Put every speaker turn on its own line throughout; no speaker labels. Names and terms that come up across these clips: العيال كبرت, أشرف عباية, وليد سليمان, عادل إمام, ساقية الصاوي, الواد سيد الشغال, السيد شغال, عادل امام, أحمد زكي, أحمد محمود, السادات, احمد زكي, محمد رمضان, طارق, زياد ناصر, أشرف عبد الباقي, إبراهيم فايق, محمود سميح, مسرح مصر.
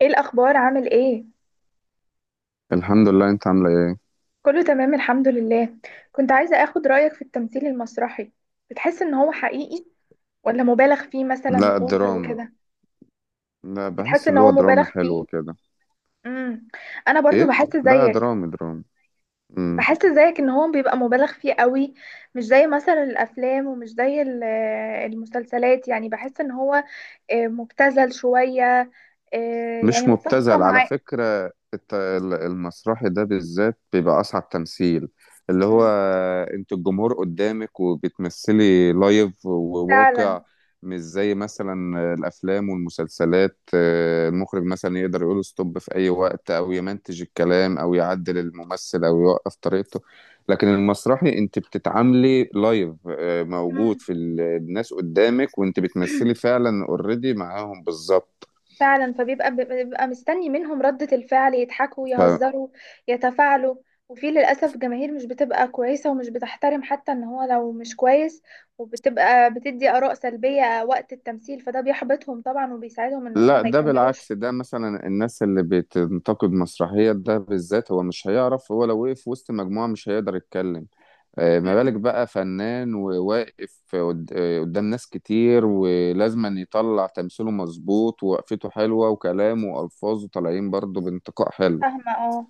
ايه الاخبار، عامل ايه؟
الحمد لله. انت عامله ايه؟
كله تمام، الحمد لله. كنت عايزة اخد رأيك في التمثيل المسرحي. بتحس ان هو حقيقي ولا مبالغ فيه مثلا
لا،
واوفر
دراما.
وكده؟
لا،
بتحس
بحس
ان
اللي هو
هو
دراما
مبالغ
حلو
فيه؟
كده.
امم انا برضو
ايه لا، دراما دراما.
بحس زيك ان هو بيبقى مبالغ فيه قوي. مش زي مثلا الافلام ومش زي المسلسلات، يعني بحس ان هو مبتذل شوية. يعني
مش
متفقة
مبتذل على
معاه.
فكرة المسرحي ده بالذات بيبقى أصعب تمثيل، اللي هو
أمم،
أنت الجمهور قدامك وبتمثلي لايف
فعلا.
وواقع. مش زي مثلا الأفلام والمسلسلات، المخرج مثلا يقدر يقول ستوب في أي وقت أو يمنتج الكلام أو يعدل الممثل أو يوقف طريقته. لكن المسرحي أنت بتتعاملي لايف،
أمم.
موجود في الناس قدامك وأنت بتمثلي فعلا اوريدي معاهم بالظبط.
فعلا، فبيبقى مستني منهم ردة الفعل، يضحكوا، يهزروا، يتفاعلوا. وفي للأسف جماهير مش بتبقى كويسة ومش بتحترم حتى ان هو لو مش كويس، وبتبقى بتدي آراء سلبية وقت التمثيل، فده بيحبطهم طبعا وبيساعدهم ان هما
لا،
ما
ده
يكملوش.
بالعكس، ده مثلا الناس اللي بتنتقد مسرحية ده بالذات هو مش هيعرف. هو لو وقف وسط مجموعة مش هيقدر يتكلم، ما بالك بقى فنان وواقف قدام ناس كتير، ولازم يطلع تمثيله مظبوط ووقفته حلوة وكلامه وألفاظه طالعين برضه بانتقاء حلو.
فاهمة، اه.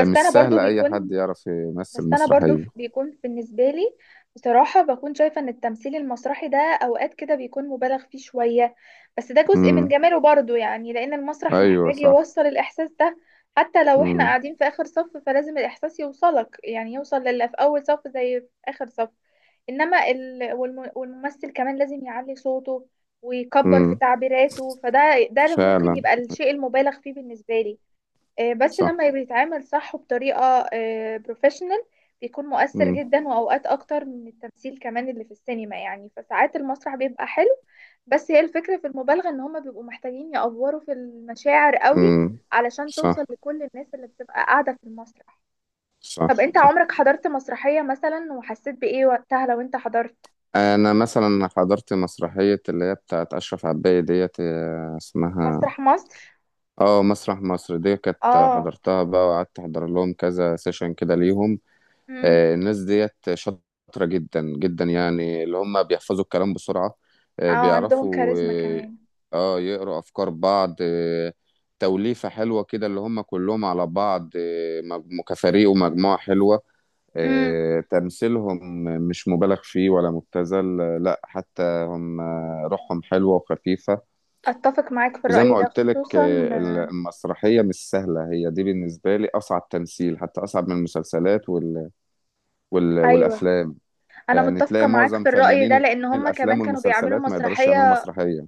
بس انا
سهل
برضو
أي حد
بيكون
يعرف يمثل
بس انا برضو ف-
مسرحية.
بيكون بالنسبه لي بصراحه بكون شايفه ان التمثيل المسرحي ده اوقات كده بيكون مبالغ فيه شويه. بس ده جزء من
امم.
جماله برضو، يعني لان المسرح
أيوه
محتاج
صح.
يوصل الاحساس ده. حتى لو احنا
امم.
قاعدين في اخر صف فلازم الاحساس يوصلك، يعني يوصل للي في اول صف زي في اخر صف. انما والممثل كمان لازم يعلي صوته ويكبر في
امم.
تعبيراته. ده اللي ممكن
فعلا.
يبقى الشيء المبالغ فيه بالنسبه لي. بس
صح.
لما بيتعامل صح وبطريقة بروفيشنال، بيكون مؤثر
امم.
جدا وأوقات أكتر من التمثيل كمان اللي في السينما، يعني فساعات المسرح بيبقى حلو. بس هي الفكرة في المبالغة، إن هما بيبقوا محتاجين يأفوروا في المشاعر قوي
امم.
علشان توصل
صح
لكل الناس اللي بتبقى قاعدة في المسرح. طب
صح
أنت
صح.
عمرك حضرت مسرحية مثلا وحسيت بإيه وقتها لو أنت حضرت؟
انا مثلا حضرت مسرحيه اللي هي بتاعت اشرف عباية ديت، اسمها.
مسرح مصر؟
اه، مسرح مصر دي، كانت
آه.
حضرتها بقى وقعدت احضر لهم كذا سيشن كده ليهم.
امم.
الناس ديت شاطره جدا جدا، يعني اللي هم بيحفظوا الكلام بسرعه،
آه، عندهم
بيعرفوا.
كاريزما
اه.
كمان.
يقروا افكار بعض. توليفه حلوه كده اللي هم كلهم على بعض، كفريق ومجموعه حلوه.
امم.
تمثيلهم مش مبالغ فيه ولا مبتذل، لا، حتى هم روحهم حلوة وخفيفة.
أتفق معاك في
وزي
الرأي
ما
ده،
قلت لك،
خصوصا آه،
المسرحية مش سهلة. هي دي بالنسبة لي أصعب تمثيل، حتى أصعب من المسلسلات
أيوه.
والأفلام.
انا
يعني
متفقه
تلاقي
معاك
معظم
في الراي ده،
فنانين
لان هما كمان
الأفلام
كانوا بيعملوا
والمسلسلات ما يقدروش يعملوا
مسرحيه.
مسرحية.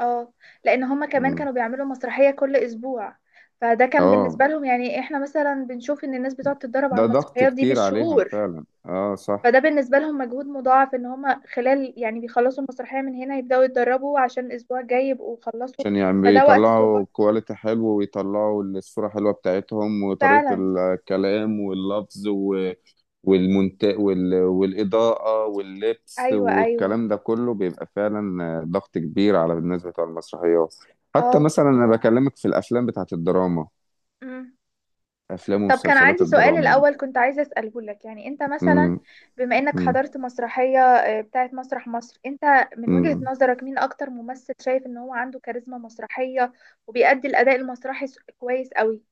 اه. لان هما كمان
مم.
كانوا بيعملوا مسرحيه كل اسبوع. فده كان
اه.
بالنسبه لهم، يعني احنا مثلا بنشوف ان الناس بتقعد تتدرب على
ده ضغط
المسرحيات دي
كتير عليهم
بالشهور.
فعلا، اه صح.
فده بالنسبه لهم مجهود مضاعف، ان هما خلال يعني بيخلصوا المسرحيه من هنا يبداوا يتدربوا عشان الاسبوع الجاي يبقوا خلصوا.
عشان يعني
فده وقت صغير.
بيطلعوا كواليتي حلو، ويطلعوا الصورة حلوة بتاعتهم، وطريقة
فعلا.
الكلام واللفظ والمنت والإضاءة واللبس
ايوه، ايوه.
والكلام ده كله بيبقى فعلا ضغط كبير على الناس بتوع المسرحيات. حتى
اه.
مثلا أنا بكلمك في الأفلام بتاعت الدراما، أفلام
طب كان
ومسلسلات
عندي سؤال
الدراما دي.
الأول كنت عايزة أسأله لك، يعني أنت مثلا
م-
بما إنك
م-
حضرت مسرحية بتاعت مسرح مصر. أنت من وجهة
م.
نظرك مين أكتر ممثل شايف إن هو عنده كاريزما مسرحية وبيأدي الأداء المسرحي كويس قوي؟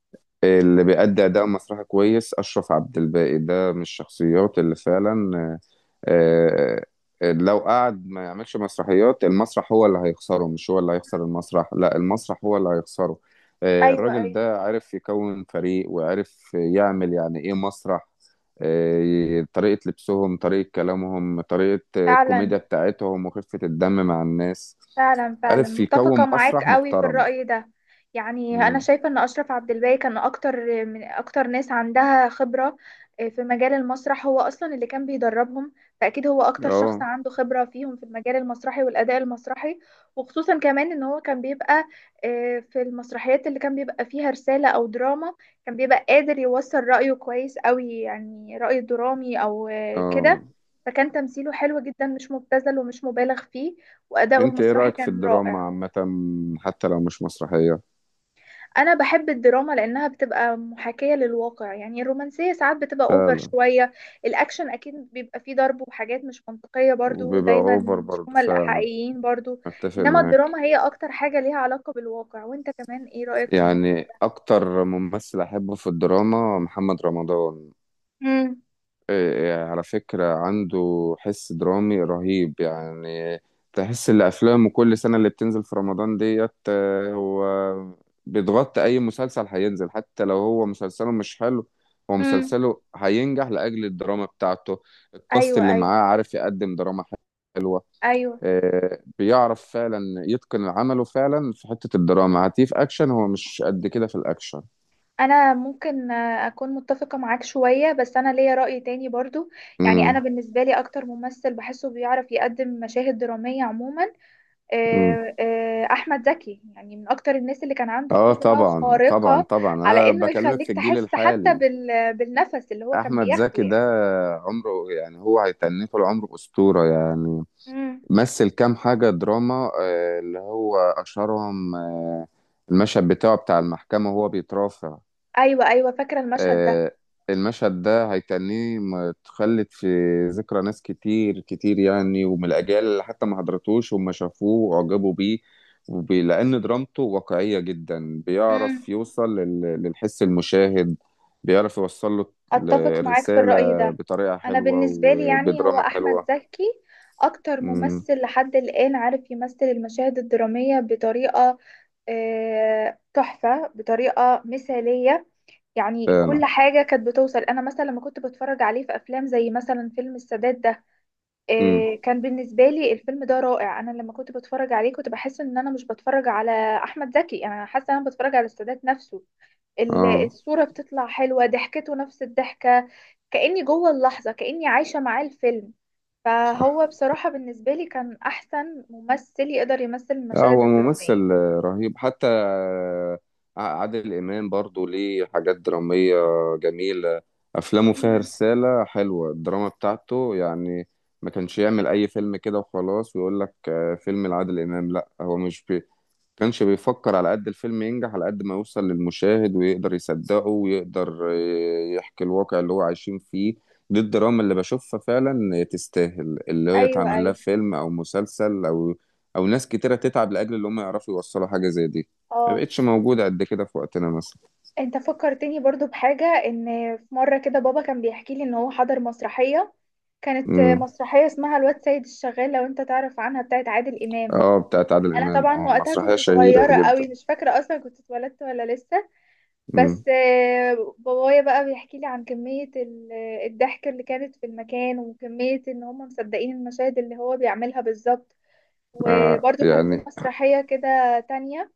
اللي بيأدي أداء مسرحي كويس أشرف عبد الباقي، ده من الشخصيات اللي فعلا آه، لو قعد ما يعملش مسرحيات، المسرح هو اللي هيخسره، مش هو اللي هيخسر المسرح. لا، المسرح هو اللي هيخسره.
أيوة،
الراجل
أيوة.
ده عارف يكون فريق، وعارف يعمل يعني ايه مسرح. طريقة لبسهم، طريقة كلامهم، طريقة
فعلا،
الكوميديا بتاعتهم، وخفة الدم مع الناس.
فعلا، فعلا،
عارف
متفقة
يكون
معاك
مسرح
قوي في
محترم.
الرأي ده. يعني أنا
مم.
شايفة إن أشرف عبد الباقي كان أكتر من أكتر ناس عندها خبرة في مجال المسرح. هو أصلا اللي كان بيدربهم، فأكيد هو أكتر شخص
اه.
عنده خبرة فيهم في المجال المسرحي والأداء المسرحي. وخصوصا كمان إن هو كان بيبقى في المسرحيات اللي كان بيبقى فيها رسالة أو دراما. كان بيبقى قادر يوصل رأيه كويس قوي، يعني رأي درامي أو
اه.
كده. فكان تمثيله حلو جدا، مش مبتذل ومش مبالغ فيه، وأداؤه
انت ايه
المسرحي
رأيك في
كان
الدراما
رائع.
عامة، حتى لو مش مسرحية؟
أنا بحب الدراما لأنها بتبقى محاكاة للواقع، يعني الرومانسية ساعات بتبقى أوفر
فعلا،
شوية. الأكشن أكيد بيبقى فيه ضرب وحاجات مش منطقية برضو،
وبيبقى
دايما
اوفر
مش
برضه
هما
فعلا.
الحقيقيين برضو.
أتفق
إنما
معاك.
الدراما هي أكتر حاجة ليها علاقة بالواقع. وأنت كمان إيه رأيك في الموضوع
يعني
ده؟
أكتر ممثل أحبه في الدراما محمد رمضان.
امم.
إيه، إيه، على فكرة عنده حس درامي رهيب يعني. تحس إن أفلامه كل سنة اللي بتنزل في رمضان ديت، هو بيتغطي أي مسلسل هينزل، حتى لو هو مسلسله مش حلو. هو
امم.
مسلسله هينجح لأجل الدراما بتاعته. الكاست
ايوه،
اللي
ايوه،
معاه عارف يقدم دراما حلوة.
ايوه.
بيعرف فعلا يتقن عمله فعلا في حتة الدراما. هتيف اكشن هو مش قد كده في الاكشن.
انا ممكن اكون متفقه معاك شويه، بس انا ليا راي تاني برضو. يعني انا
امم.
بالنسبه لي اكتر ممثل بحسه بيعرف يقدم مشاهد دراميه عموما
امم.
احمد زكي، يعني من اكتر الناس اللي كان عنده
اه
قدرة
طبعا طبعا
خارقة
طبعا.
على
انا
انه
بكلمك
يخليك
في الجيل
تحس حتى
الحالي.
بالنفس اللي هو كان
احمد
بياخده
زكي ده،
يعني.
عمره يعني هو هيتنيه طول عمره اسطورة يعني.
مم.
مثل كام حاجة دراما، اللي هو اشهرهم، المشهد بتاعه بتاع المحكمة وهو بيترافع.
ايوه، ايوه، فاكرة المشهد ده.
آه، المشهد ده هيتنيه متخلد في ذكرى ناس كتير كتير يعني، ومن الأجيال اللي حتى ما حضرتوش وما شافوه وأعجبوا بيه، لأن درامته واقعية جدا.
امم.
بيعرف يوصل للحس المشاهد، بيعرف يوصل له
اتفق معاك في
الرسالة
الرأي ده.
بطريقة
انا
حلوة
بالنسبة لي يعني هو
وبدراما
احمد
حلوة.
زكي اكتر
امم.
ممثل لحد الآن عارف يمثل المشاهد الدرامية بطريقة تحفة، بطريقة مثالية. يعني كل
فعلا.
حاجة كانت بتوصل، أنا مثلا لما كنت بتفرج عليه في أفلام زي مثلا فيلم السادات ده.
امم.
إيه، كان بالنسبة لي الفيلم ده رائع. أنا لما كنت بتفرج عليه كنت بحس إن أنا مش بتفرج على أحمد زكي، يعني أنا حاسة إن أنا بتفرج على السادات نفسه.
اه
الصورة بتطلع حلوة، ضحكته نفس الضحكة. كأني جوه اللحظة، كأني عايشة معاه الفيلم.
صح.
فهو بصراحة بالنسبة لي كان أحسن ممثل يقدر يمثل
اه،
المشاهد
هو
الدرامية.
ممثل رهيب. حتى عادل إمام برضو ليه حاجات درامية جميلة. أفلامه فيها
مم.
رسالة حلوة، الدراما بتاعته يعني. ما كانش يعمل أي فيلم كده وخلاص ويقول لك فيلم لعادل إمام. لا، هو مش بي كانش بيفكر على قد الفيلم ينجح، على قد ما يوصل للمشاهد ويقدر يصدقه ويقدر يحكي الواقع اللي هو عايشين فيه. دي الدراما اللي بشوفها فعلا تستاهل، اللي هي
أيوة،
تعمل لها
أيوة.
فيلم او مسلسل او او ناس كتيرة تتعب لاجل اللي هم يعرفوا يوصلوا حاجة زي دي. ما
اه.
بقتش موجودة قد كده في وقتنا مثلا.
انت فكرتني برضو بحاجة، ان في مرة كده بابا كان بيحكي لي ان هو حضر مسرحية. كانت
امم.
مسرحية اسمها الواد سيد الشغال، لو انت تعرف عنها، بتاعت عادل امام.
اه، بتاعت عادل
انا
امام،
طبعا
اه
وقتها
مسرحية
كنت
شهيرة
صغيرة
جدا.
قوي، مش فاكرة اصلا كنت اتولدت ولا لسه.
امم.
بس بابايا بقى بيحكي لي عن كمية الضحك اللي كانت في المكان وكمية ان هم مصدقين المشاهد اللي هو بيعملها بالظبط. وبرضو كان في
يعني
مسرحية كده تانية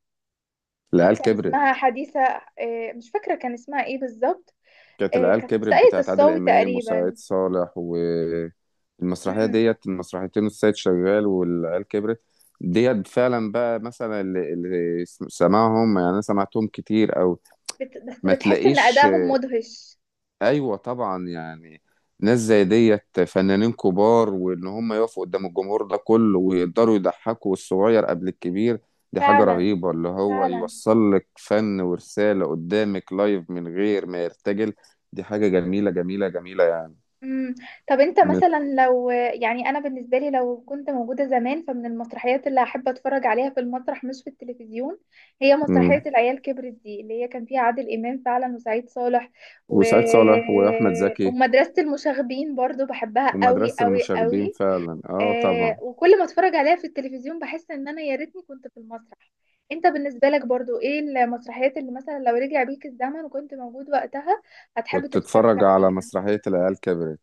العيال
كان اسمها
كبرت.
حديثة. مش فاكرة كان اسمها ايه بالظبط.
كانت العيال
كانت في
كبرت
ساقية
بتاعت عادل
الصاوي
امام وسعيد
تقريبا.
صالح. والمسرحيه
امم.
ديت، المسرحيتين السيد شغال والعيال كبرت ديت، فعلا بقى مثلا اللي سمعهم يعني، انا سمعتهم كتير او
بس
ما
بتحس ان
تلاقيش.
ادائهم مدهش.
ايوه طبعا يعني، ناس زي ديت فنانين كبار، وان هم يقفوا قدام الجمهور ده كله ويقدروا يضحكوا الصغير قبل الكبير، دي حاجة
فعلا،
رهيبة. اللي هو
فعلا.
يوصل لك فن ورسالة قدامك لايف من غير ما يرتجل، دي حاجة جميلة جميلة جميلة يعني.
امم. طب انت
مت...
مثلا لو، يعني انا بالنسبه لي لو كنت موجوده زمان، فمن المسرحيات اللي احب اتفرج عليها في المسرح مش في التلفزيون هي مسرحيه
مم.
العيال كبرت دي، اللي هي كان فيها عادل امام فعلا وسعيد صالح و...
وسعيد صالح وأحمد زكي.
ومدرسه المشاغبين، برضو بحبها قوي
ومدرسة
قوي
المشاغبين
قوي.
فعلا، اه طبعا.
وكل ما اتفرج عليها في التلفزيون بحس ان انا يا ريتني كنت في المسرح. انت بالنسبة لك برضو ايه المسرحيات اللي مثلا لو رجع بيك الزمن وكنت موجود وقتها هتحب
كنت
تتفرج
اتفرج على
عليها؟
مسرحية العيال كبرت.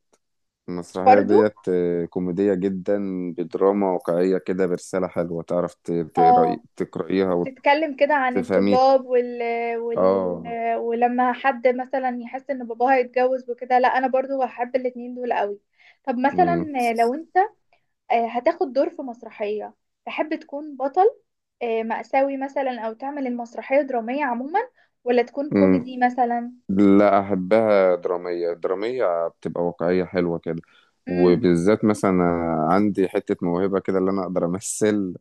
المسرحية
برضو.
ديت كوميدية جدا، بدراما واقعية كده، برسالة حلوة. تعرف تقرأي
اه.
تقرأيها
وبتتكلم كده عن
وتفهميها.
الطلاب وال...
اه.
ولما حد مثلا يحس ان باباه هيتجوز وكده. لا، انا برضو هحب الاتنين دول قوي. طب مثلا
مم.
لو انت هتاخد دور في مسرحية، تحب تكون بطل مأساوي مثلا، أو تعمل المسرحية درامية عموما، ولا تكون
مم.
كوميدي مثلا؟
لا، أحبها درامية. درامية بتبقى واقعية حلوة كده،
امم.
وبالذات مثلا عندي حتة موهبة كده اللي أنا أقدر أمثل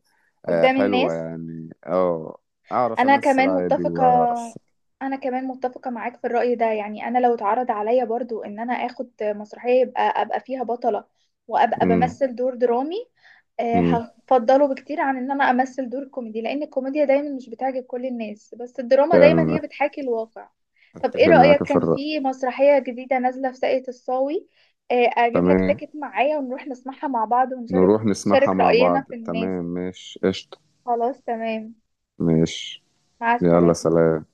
قدام
حلوة
الناس.
يعني. اه، أعرف
انا
أمثل
كمان
عادي
متفقة
وأعرف.
انا كمان متفقة معاك في الرأي ده. يعني انا لو اتعرض عليا برضو ان انا اخد مسرحية يبقى ابقى فيها بطلة، وابقى
مم.
بمثل دور درامي.
مم.
هفضله بكتير عن ان انا امثل دور كوميدي، لان الكوميديا دايما مش بتعجب كل الناس، بس الدراما دايما هي
فعلا،
بتحاكي الواقع. طب ايه
أتفق
رأيك
معاك في
كان
الرأي.
في مسرحية جديدة نازلة في ساقية الصاوي؟ اجيب لك
تمام،
تاكت معايا ونروح نسمعها مع بعض ونشارك،
نروح نسمعها
نشارك
مع
رأينا
بعض،
في الناس.
تمام، ماشي قشطة.
خلاص، تمام.
ماشي،
مع
يلا
السلامة.
سلام.